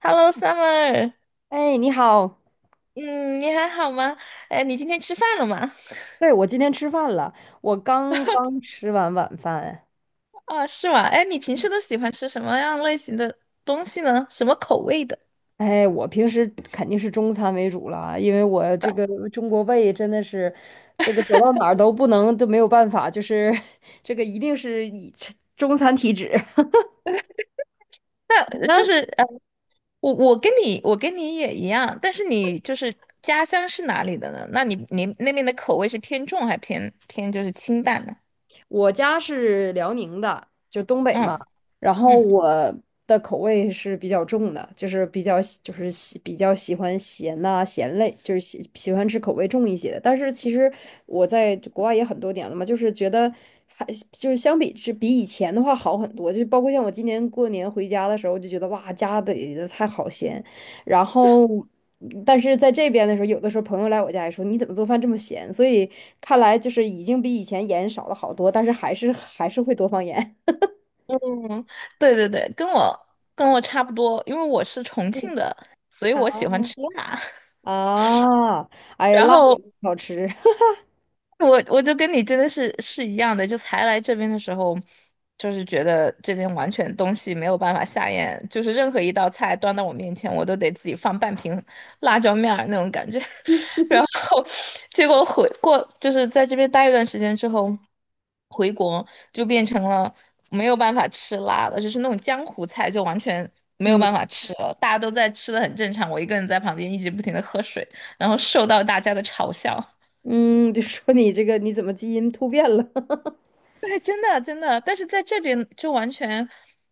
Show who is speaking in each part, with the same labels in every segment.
Speaker 1: Hello, Summer。
Speaker 2: 哎，你好，
Speaker 1: 嗯，你还好吗？哎，你今天吃饭了吗？
Speaker 2: 对，我今天吃饭了，我刚刚吃完晚饭。
Speaker 1: 啊，是吗？哎，你平时都喜欢吃什么样类型的东西呢？什么口味的？
Speaker 2: 哎，我平时肯定是中餐为主了，因为我这个中国胃真的是，这个走到哪儿都不能都没有办法，就是 这个一定是以吃中餐体质。
Speaker 1: 那
Speaker 2: 你
Speaker 1: 呃
Speaker 2: 呢？
Speaker 1: 就是呃，我跟你也一样，但是你就是家乡是哪里的呢？那你那边的口味是偏重还就是清淡呢？
Speaker 2: 我家是辽宁的，就东北
Speaker 1: 嗯
Speaker 2: 嘛，然后
Speaker 1: 嗯
Speaker 2: 我的口味是比较重的，就是比较喜欢咸呐、咸类，就是喜欢吃口味重一些的。但是其实我在国外也很多年了嘛，就是觉得还就是相比是比以前的话好很多，就包括像我今年过年回家的时候，就觉得哇，家里的菜好咸。然后，但是在这边的时候，有的时候朋友来我家也说：“你怎么做饭这么咸？”所以看来就是已经比以前盐少了好多，但是还是会多放盐。
Speaker 1: 嗯，对对对，跟我差不多，因为我是重庆 的，所以我
Speaker 2: 嗯
Speaker 1: 喜欢吃辣。
Speaker 2: 啊，哎呀，
Speaker 1: 然
Speaker 2: 辣也
Speaker 1: 后
Speaker 2: 好吃。
Speaker 1: 我就跟你真的是一样的，就才来这边的时候，就是觉得这边完全东西没有办法下咽，就是任何一道菜端到我面前，我都得自己放半瓶辣椒面儿那种感觉。然后结果回过就是在这边待一段时间之后，回国就变成了没有办法吃辣了，就是那种江湖菜就完全没有
Speaker 2: 嗯
Speaker 1: 办法吃了，大家都在吃的很正常，我一个人在旁边一直不停的喝水，然后受到大家的嘲笑。
Speaker 2: 嗯，就说你这个你怎么基因突变了？
Speaker 1: 对，真的真的，但是在这边就完全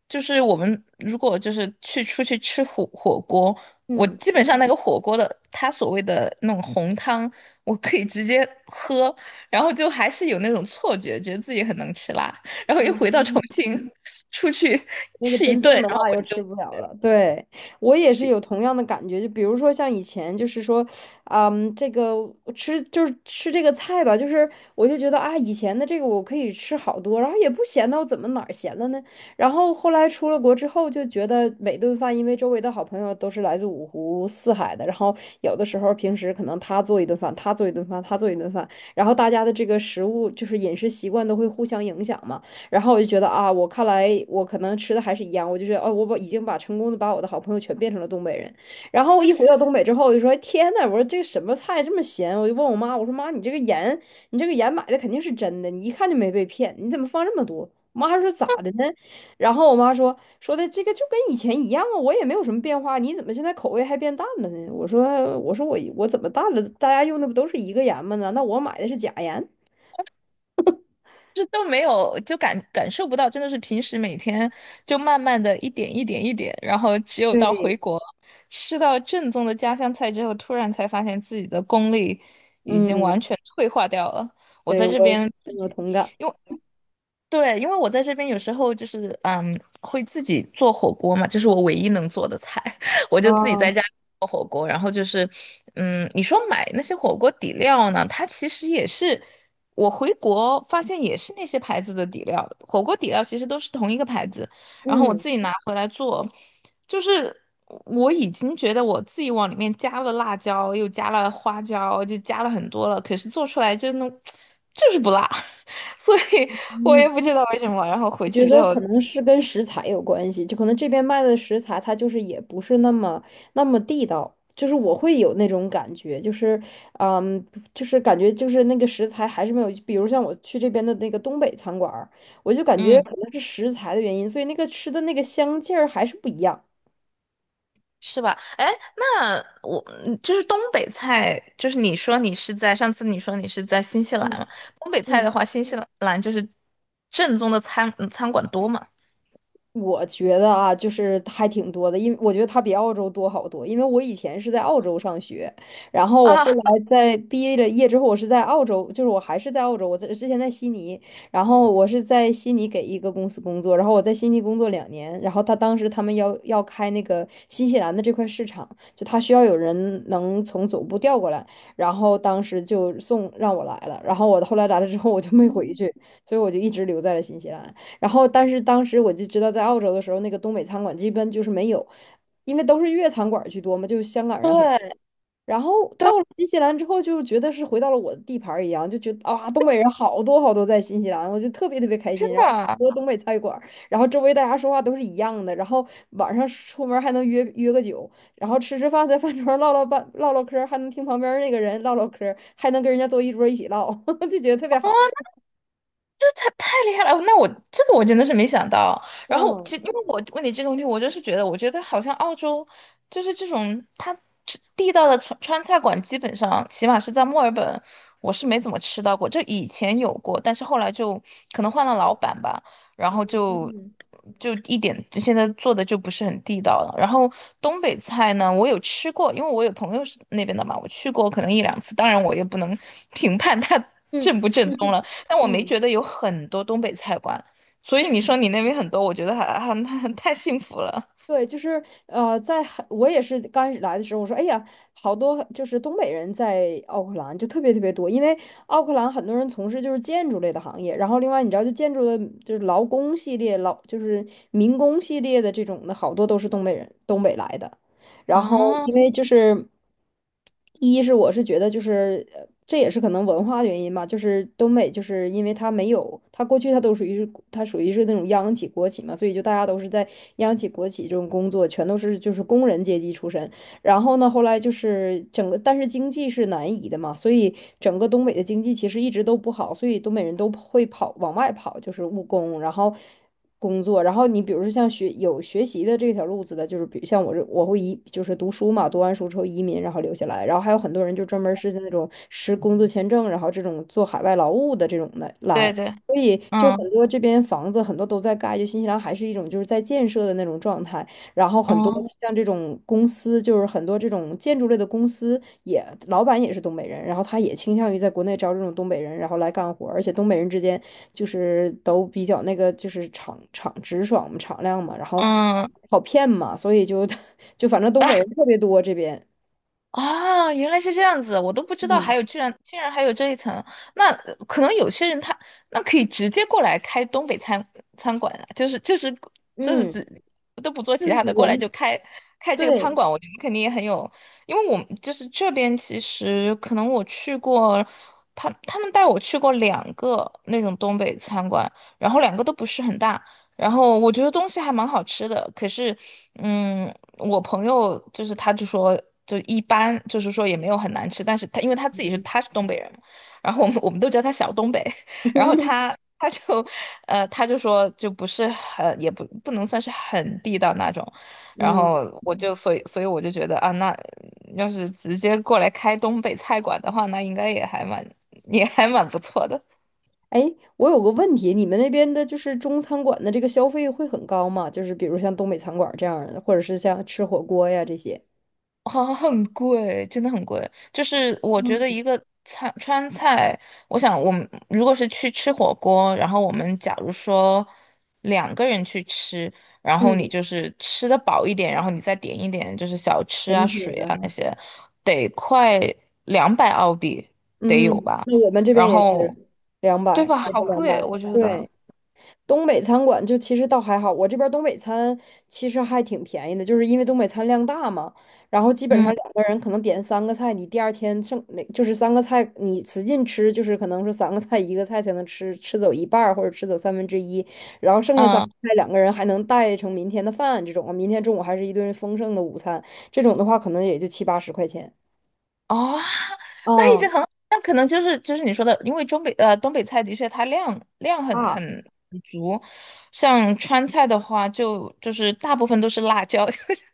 Speaker 1: 就是我们如果就是去出去吃火锅，我
Speaker 2: 嗯
Speaker 1: 基本上那个火锅的它所谓的那种红汤，我可以直接喝，然后就还是有那种错觉，觉得自己很能吃辣，然后一回到重
Speaker 2: 嗯。
Speaker 1: 庆 出去
Speaker 2: 那个
Speaker 1: 吃一
Speaker 2: 真
Speaker 1: 顿，
Speaker 2: 正的
Speaker 1: 然后
Speaker 2: 辣
Speaker 1: 我
Speaker 2: 又
Speaker 1: 就
Speaker 2: 吃不了了。对，我也是有同样的感觉，就比如说像以前，就是说，嗯，这个吃就是吃这个菜吧，就是我就觉得啊，以前的这个我可以吃好多，然后也不咸我怎么哪儿咸了呢？然后后来出了国之后，就觉得每顿饭，因为周围的好朋友都是来自五湖四海的，然后有的时候平时可能他做一顿饭，他做一顿饭，他做一顿饭，然后大家的这个食物就是饮食习惯都会互相影响嘛。然后我就觉得啊，我看来我可能吃的还是一样，我就觉得哦，我已经成功的把我的好朋友全变成了东北人。然后一回到东北之后，我就说天呐，我说这个什么菜这么咸？我就问我妈，我说妈，你这个盐买的肯定是真的，你一看就没被骗，你怎么放这么多？我妈说咋的呢？然后我妈说的这个就跟以前一样啊，我也没有什么变化，你怎么现在口味还变淡了呢？我说我说我我怎么淡了？大家用的不都是一个盐吗呢？那我买的是假盐。
Speaker 1: 这都没有，就感受不到，真的是平时每天就慢慢的一点一点一点，然后只有到
Speaker 2: 对，
Speaker 1: 回国吃到正宗的家乡菜之后，突然才发现自己的功力已经完
Speaker 2: 嗯，
Speaker 1: 全退化掉了。我
Speaker 2: 对，
Speaker 1: 在
Speaker 2: 我
Speaker 1: 这边自
Speaker 2: 深有
Speaker 1: 己，
Speaker 2: 同感。
Speaker 1: 因为对，因为我在这边有时候就是嗯，会自己做火锅嘛，这是我唯一能做的菜，我就自己在
Speaker 2: 啊，
Speaker 1: 家做火锅。然后就是，嗯，你说买那些火锅底料呢，它其实也是我回国发现也是那些牌子的底料，火锅底料其实都是同一个牌子。然后我
Speaker 2: 嗯，
Speaker 1: 自己拿回来做，就是我已经觉得我自己往里面加了辣椒，又加了花椒，就加了很多了，可是做出来就那种 就是不辣。所以我也
Speaker 2: 嗯，
Speaker 1: 不知道为什么。然后
Speaker 2: 我
Speaker 1: 回去
Speaker 2: 觉
Speaker 1: 之
Speaker 2: 得
Speaker 1: 后，
Speaker 2: 可能是跟食材有关系，就可能这边卖的食材它就是也不是那么地道，就是我会有那种感觉，嗯，就是感觉就是那个食材还是没有，比如像我去这边的那个东北餐馆儿，我就感觉
Speaker 1: 嗯，
Speaker 2: 可能是食材的原因，所以那个吃的那个香劲儿还是不一样。
Speaker 1: 是吧？哎，那我嗯就是东北菜，你说你是在新西兰嘛？东北菜的
Speaker 2: 嗯。
Speaker 1: 话，新西兰就是正宗的餐馆多嘛？
Speaker 2: 我觉得啊，就是还挺多的，因为我觉得它比澳洲多好多。因为我以前是在澳洲上学，然后我后 来
Speaker 1: 啊，
Speaker 2: 在毕业之后，我还是在澳洲，之前在悉尼，然后我是在悉尼给一个公司工作，然后我在悉尼工作2年，然后他当时他们要开那个新西兰的这块市场，就他需要有人能从总部调过来，然后当时就让我来了，然后我后来来了之后我就没回
Speaker 1: 嗯，
Speaker 2: 去，所以我就一直留在了新西兰。然后，但是当时我就知道，在澳洲的时候，那个东北餐馆基本就是没有，因为都是粤餐馆居多嘛，就是香港人很。
Speaker 1: 对
Speaker 2: 然后
Speaker 1: 对，
Speaker 2: 到了新西兰之后，就觉得是回到了我的地盘儿一样，就觉得啊，东北人好多好多在新西兰，我就特别特别开
Speaker 1: 真
Speaker 2: 心。然后
Speaker 1: 的。
Speaker 2: 很多东北菜馆儿然后周围大家说话都是一样的，然后晚上出门儿还能约约个酒，然后吃吃饭，在饭桌上唠唠嗑儿还能听旁边儿那个人唠唠嗑儿还能跟人家坐一桌儿一起唠，就觉得特别好。
Speaker 1: 这他太厉害了！那我这个我真的是没想到。然后，其
Speaker 2: 嗯
Speaker 1: 实因为我问你这个问题，我就是觉得，我觉得好像澳洲就是这种它吃地道的川菜馆，基本上起码是在墨尔本，我是没怎么吃到过。就以前有过，但是后来就可能换了老板吧，然
Speaker 2: 嗯
Speaker 1: 后就
Speaker 2: 嗯，
Speaker 1: 就一点就现在做的就不是很地道了。然后东北菜呢，我有吃过，因为我有朋友是那边的嘛，我去过可能一两次，当然我也不能评判它
Speaker 2: 嗯
Speaker 1: 正不正
Speaker 2: 嗯
Speaker 1: 宗
Speaker 2: 哼
Speaker 1: 了。但我没
Speaker 2: 嗯
Speaker 1: 觉得有很多东北菜馆，所以你说
Speaker 2: 嗯，
Speaker 1: 你那边很多，我觉得还 太幸福了
Speaker 2: 对，就是我也是刚开始来的时候，我说哎呀，好多就是东北人在奥克兰就特别特别多，因为奥克兰很多人从事就是建筑类的行业，然后另外你知道就建筑的就是劳工系列、劳就是民工系列的这种的好多都是东北来的。然后
Speaker 1: 啊！
Speaker 2: 因为就是一是我是觉得就是这也是可能文化的原因吧，就是东北就是因为它没有它过去它都属于是那种央企国企嘛，所以就大家都是在央企国企这种工作，全都是就是工人阶级出身。然后呢，后来就是整个，但是经济是南移的嘛，所以整个东北的经济其实一直都不好，所以东北人都会往外跑，就是务工，然后工作，然后你比如说像有学习的这条路子的，就是比如像我会移，就是读书嘛，读完书之后移民，然后留下来，然后还有很多人就专门是那种持工作签证，然后这种做海外劳务的这种的
Speaker 1: 对
Speaker 2: 来。
Speaker 1: 对，
Speaker 2: 所以，就很
Speaker 1: 嗯
Speaker 2: 多这边房子很多都在盖，就新西兰还是一种就是在建设的那种状态。然后很多
Speaker 1: 嗯
Speaker 2: 像这种公司，就是很多这种建筑类的公司也，老板也是东北人，然后他也倾向于在国内招这种东北人，然后来干活儿而且东北人之间就是都比较那个，就是直爽嘛，敞亮嘛，然后
Speaker 1: 嗯，
Speaker 2: 好骗嘛，所以就 就反正东北人特别多这边，
Speaker 1: 啊，原来是这样子，我都不知道
Speaker 2: 嗯
Speaker 1: 还有居然竟然还有这一层。那可能有些人他那可以直接过来开东北餐馆啊，
Speaker 2: 嗯，
Speaker 1: 只都不做
Speaker 2: 就
Speaker 1: 其
Speaker 2: 是
Speaker 1: 他的，过来就
Speaker 2: 人，
Speaker 1: 开开这个餐
Speaker 2: 对，
Speaker 1: 馆，我觉得肯定也很有，因为我们就是这边其实可能我去过，他们带我去过两个那种东北餐馆，然后两个都不是很大。然后我觉得东西还蛮好吃的，可是，嗯，我朋友就是他就说就一般，就是说也没有很难吃，但是他因为他是东北人嘛然后我们都叫他小东北，然后他 他就他就说就不是很也不不能算是很地道那种，然
Speaker 2: 嗯
Speaker 1: 后我
Speaker 2: 嗯。
Speaker 1: 就所以我就觉得啊，那要是直接过来开东北菜馆的话，那应该也还蛮也还蛮不错的。
Speaker 2: 哎，我有个问题，你们那边的就是中餐馆的这个消费会很高吗？就是比如像东北餐馆这样儿的，或者是像吃火锅呀这些。
Speaker 1: 好像很贵，真的很贵。就是我
Speaker 2: 嗯，
Speaker 1: 觉得一个菜川菜，我想我们如果是去吃火锅，然后我们假如说两个人去吃，然
Speaker 2: 嗯，
Speaker 1: 后你就是吃得饱一点，然后你再点一点就是小吃
Speaker 2: 甜
Speaker 1: 啊、水
Speaker 2: 品
Speaker 1: 啊那
Speaker 2: 啊，
Speaker 1: 些，得快200澳币得有
Speaker 2: 嗯，
Speaker 1: 吧？
Speaker 2: 那我们这边
Speaker 1: 然
Speaker 2: 也
Speaker 1: 后
Speaker 2: 是两
Speaker 1: 对
Speaker 2: 百，
Speaker 1: 吧？
Speaker 2: 也是
Speaker 1: 好
Speaker 2: 两
Speaker 1: 贵，
Speaker 2: 百。
Speaker 1: 我觉得。
Speaker 2: 对，东北餐馆就其实倒还好，我这边儿东北餐其实还挺便宜的，就是因为东北餐量大嘛，然后基本
Speaker 1: 嗯
Speaker 2: 上两个人可能点三个菜，你第二天剩那就是三个菜，你使劲吃，就是可能是三个菜一个菜才能吃走一半儿或者吃走三分之一，然后剩下三个
Speaker 1: 嗯。
Speaker 2: 菜两个人还能带成明天的饭，这种明天中午还是一顿丰盛的午餐，这种的话可能也就七八十块钱。
Speaker 1: 哦，那已
Speaker 2: 嗯
Speaker 1: 经很好那可能就是你说的，因为东北菜的确它量量很
Speaker 2: 啊，
Speaker 1: 很很足，像川菜的话就是大部分都是辣椒，就是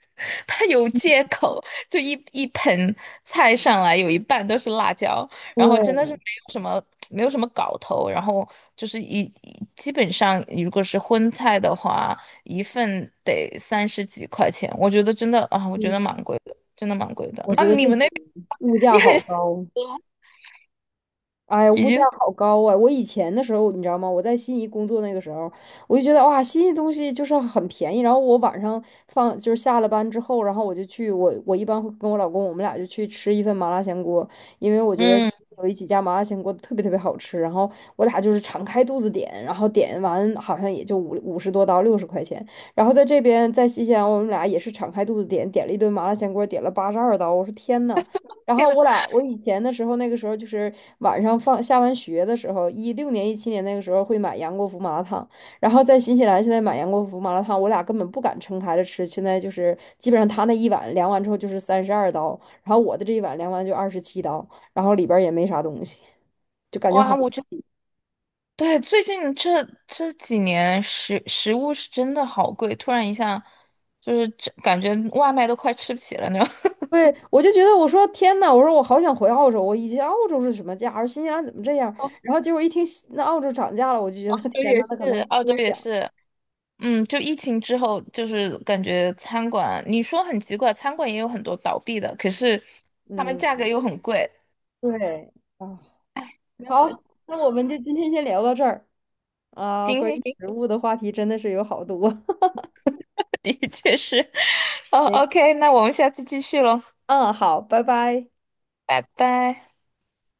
Speaker 1: 它有借口，就一盆菜上来有一半都是辣椒，然后真的是没
Speaker 2: 对，
Speaker 1: 有什么没有什么搞头，然后就是基本上如果是荤菜的话，一份得三十几块钱，我觉得真的啊，我觉
Speaker 2: 嗯，
Speaker 1: 得蛮贵的，真的蛮贵的。
Speaker 2: 我
Speaker 1: 那
Speaker 2: 觉得这
Speaker 1: 你们那？
Speaker 2: 物
Speaker 1: 你
Speaker 2: 价好
Speaker 1: 很幸
Speaker 2: 高。
Speaker 1: 福，
Speaker 2: 哎，
Speaker 1: 已
Speaker 2: 物价
Speaker 1: 经
Speaker 2: 好高啊！我以前的时候，你知道吗？我在悉尼工作那个时候，我就觉得哇，悉尼东西就是很便宜。然后我晚上放就是下了班之后，然后我就去我一般会跟我老公，我们俩就去吃一份麻辣香锅，因为我觉得
Speaker 1: 嗯，
Speaker 2: 有一家麻辣香锅特别特别好吃。然后我俩就是敞开肚子点，然后点完好像也就五十多刀，60块钱。然后在这边在新西兰，我们俩也是敞开肚子点，点了一顿麻辣香锅，点了82刀。我说天呐！然
Speaker 1: 天
Speaker 2: 后
Speaker 1: 呐，
Speaker 2: 我俩，我以前的时候，那个时候就是晚上下完学的时候，16年、17年那个时候会买杨国福麻辣烫，然后在新西兰现在买杨国福麻辣烫，我俩根本不敢撑开了吃，现在就是基本上他那一碗量完之后就是32刀，然后我的这一碗量完就27刀，然后里边儿也没啥东西，就感觉
Speaker 1: 哇！
Speaker 2: 好。
Speaker 1: 我觉得对最近这几年食物是真的好贵，突然一下就是这感觉外卖都快吃不起了那种。
Speaker 2: 对，我就觉得我说天呐，我说我好想回澳洲，我以前澳洲是什么价而新西兰怎么这样？
Speaker 1: 澳
Speaker 2: 然后结果一听那澳洲涨价了，我就觉得
Speaker 1: 洲
Speaker 2: 天
Speaker 1: 也
Speaker 2: 呐，那
Speaker 1: 是，
Speaker 2: 可能
Speaker 1: 澳洲
Speaker 2: 中
Speaker 1: 也
Speaker 2: 想。
Speaker 1: 是，嗯，就疫情之后，就是感觉餐馆，你说很奇怪，餐馆也有很多倒闭的，可是他们价格
Speaker 2: 嗯，
Speaker 1: 又很贵，
Speaker 2: 对。啊。
Speaker 1: 真的是。
Speaker 2: 好，那我们就今天先聊到这儿啊，
Speaker 1: 行
Speaker 2: 关于
Speaker 1: 行行，
Speaker 2: 食物的话题真的是有好多。
Speaker 1: 的确是。哦
Speaker 2: 行
Speaker 1: ，OK，那我们下次继续喽，
Speaker 2: 嗯，好，拜拜。
Speaker 1: 拜拜。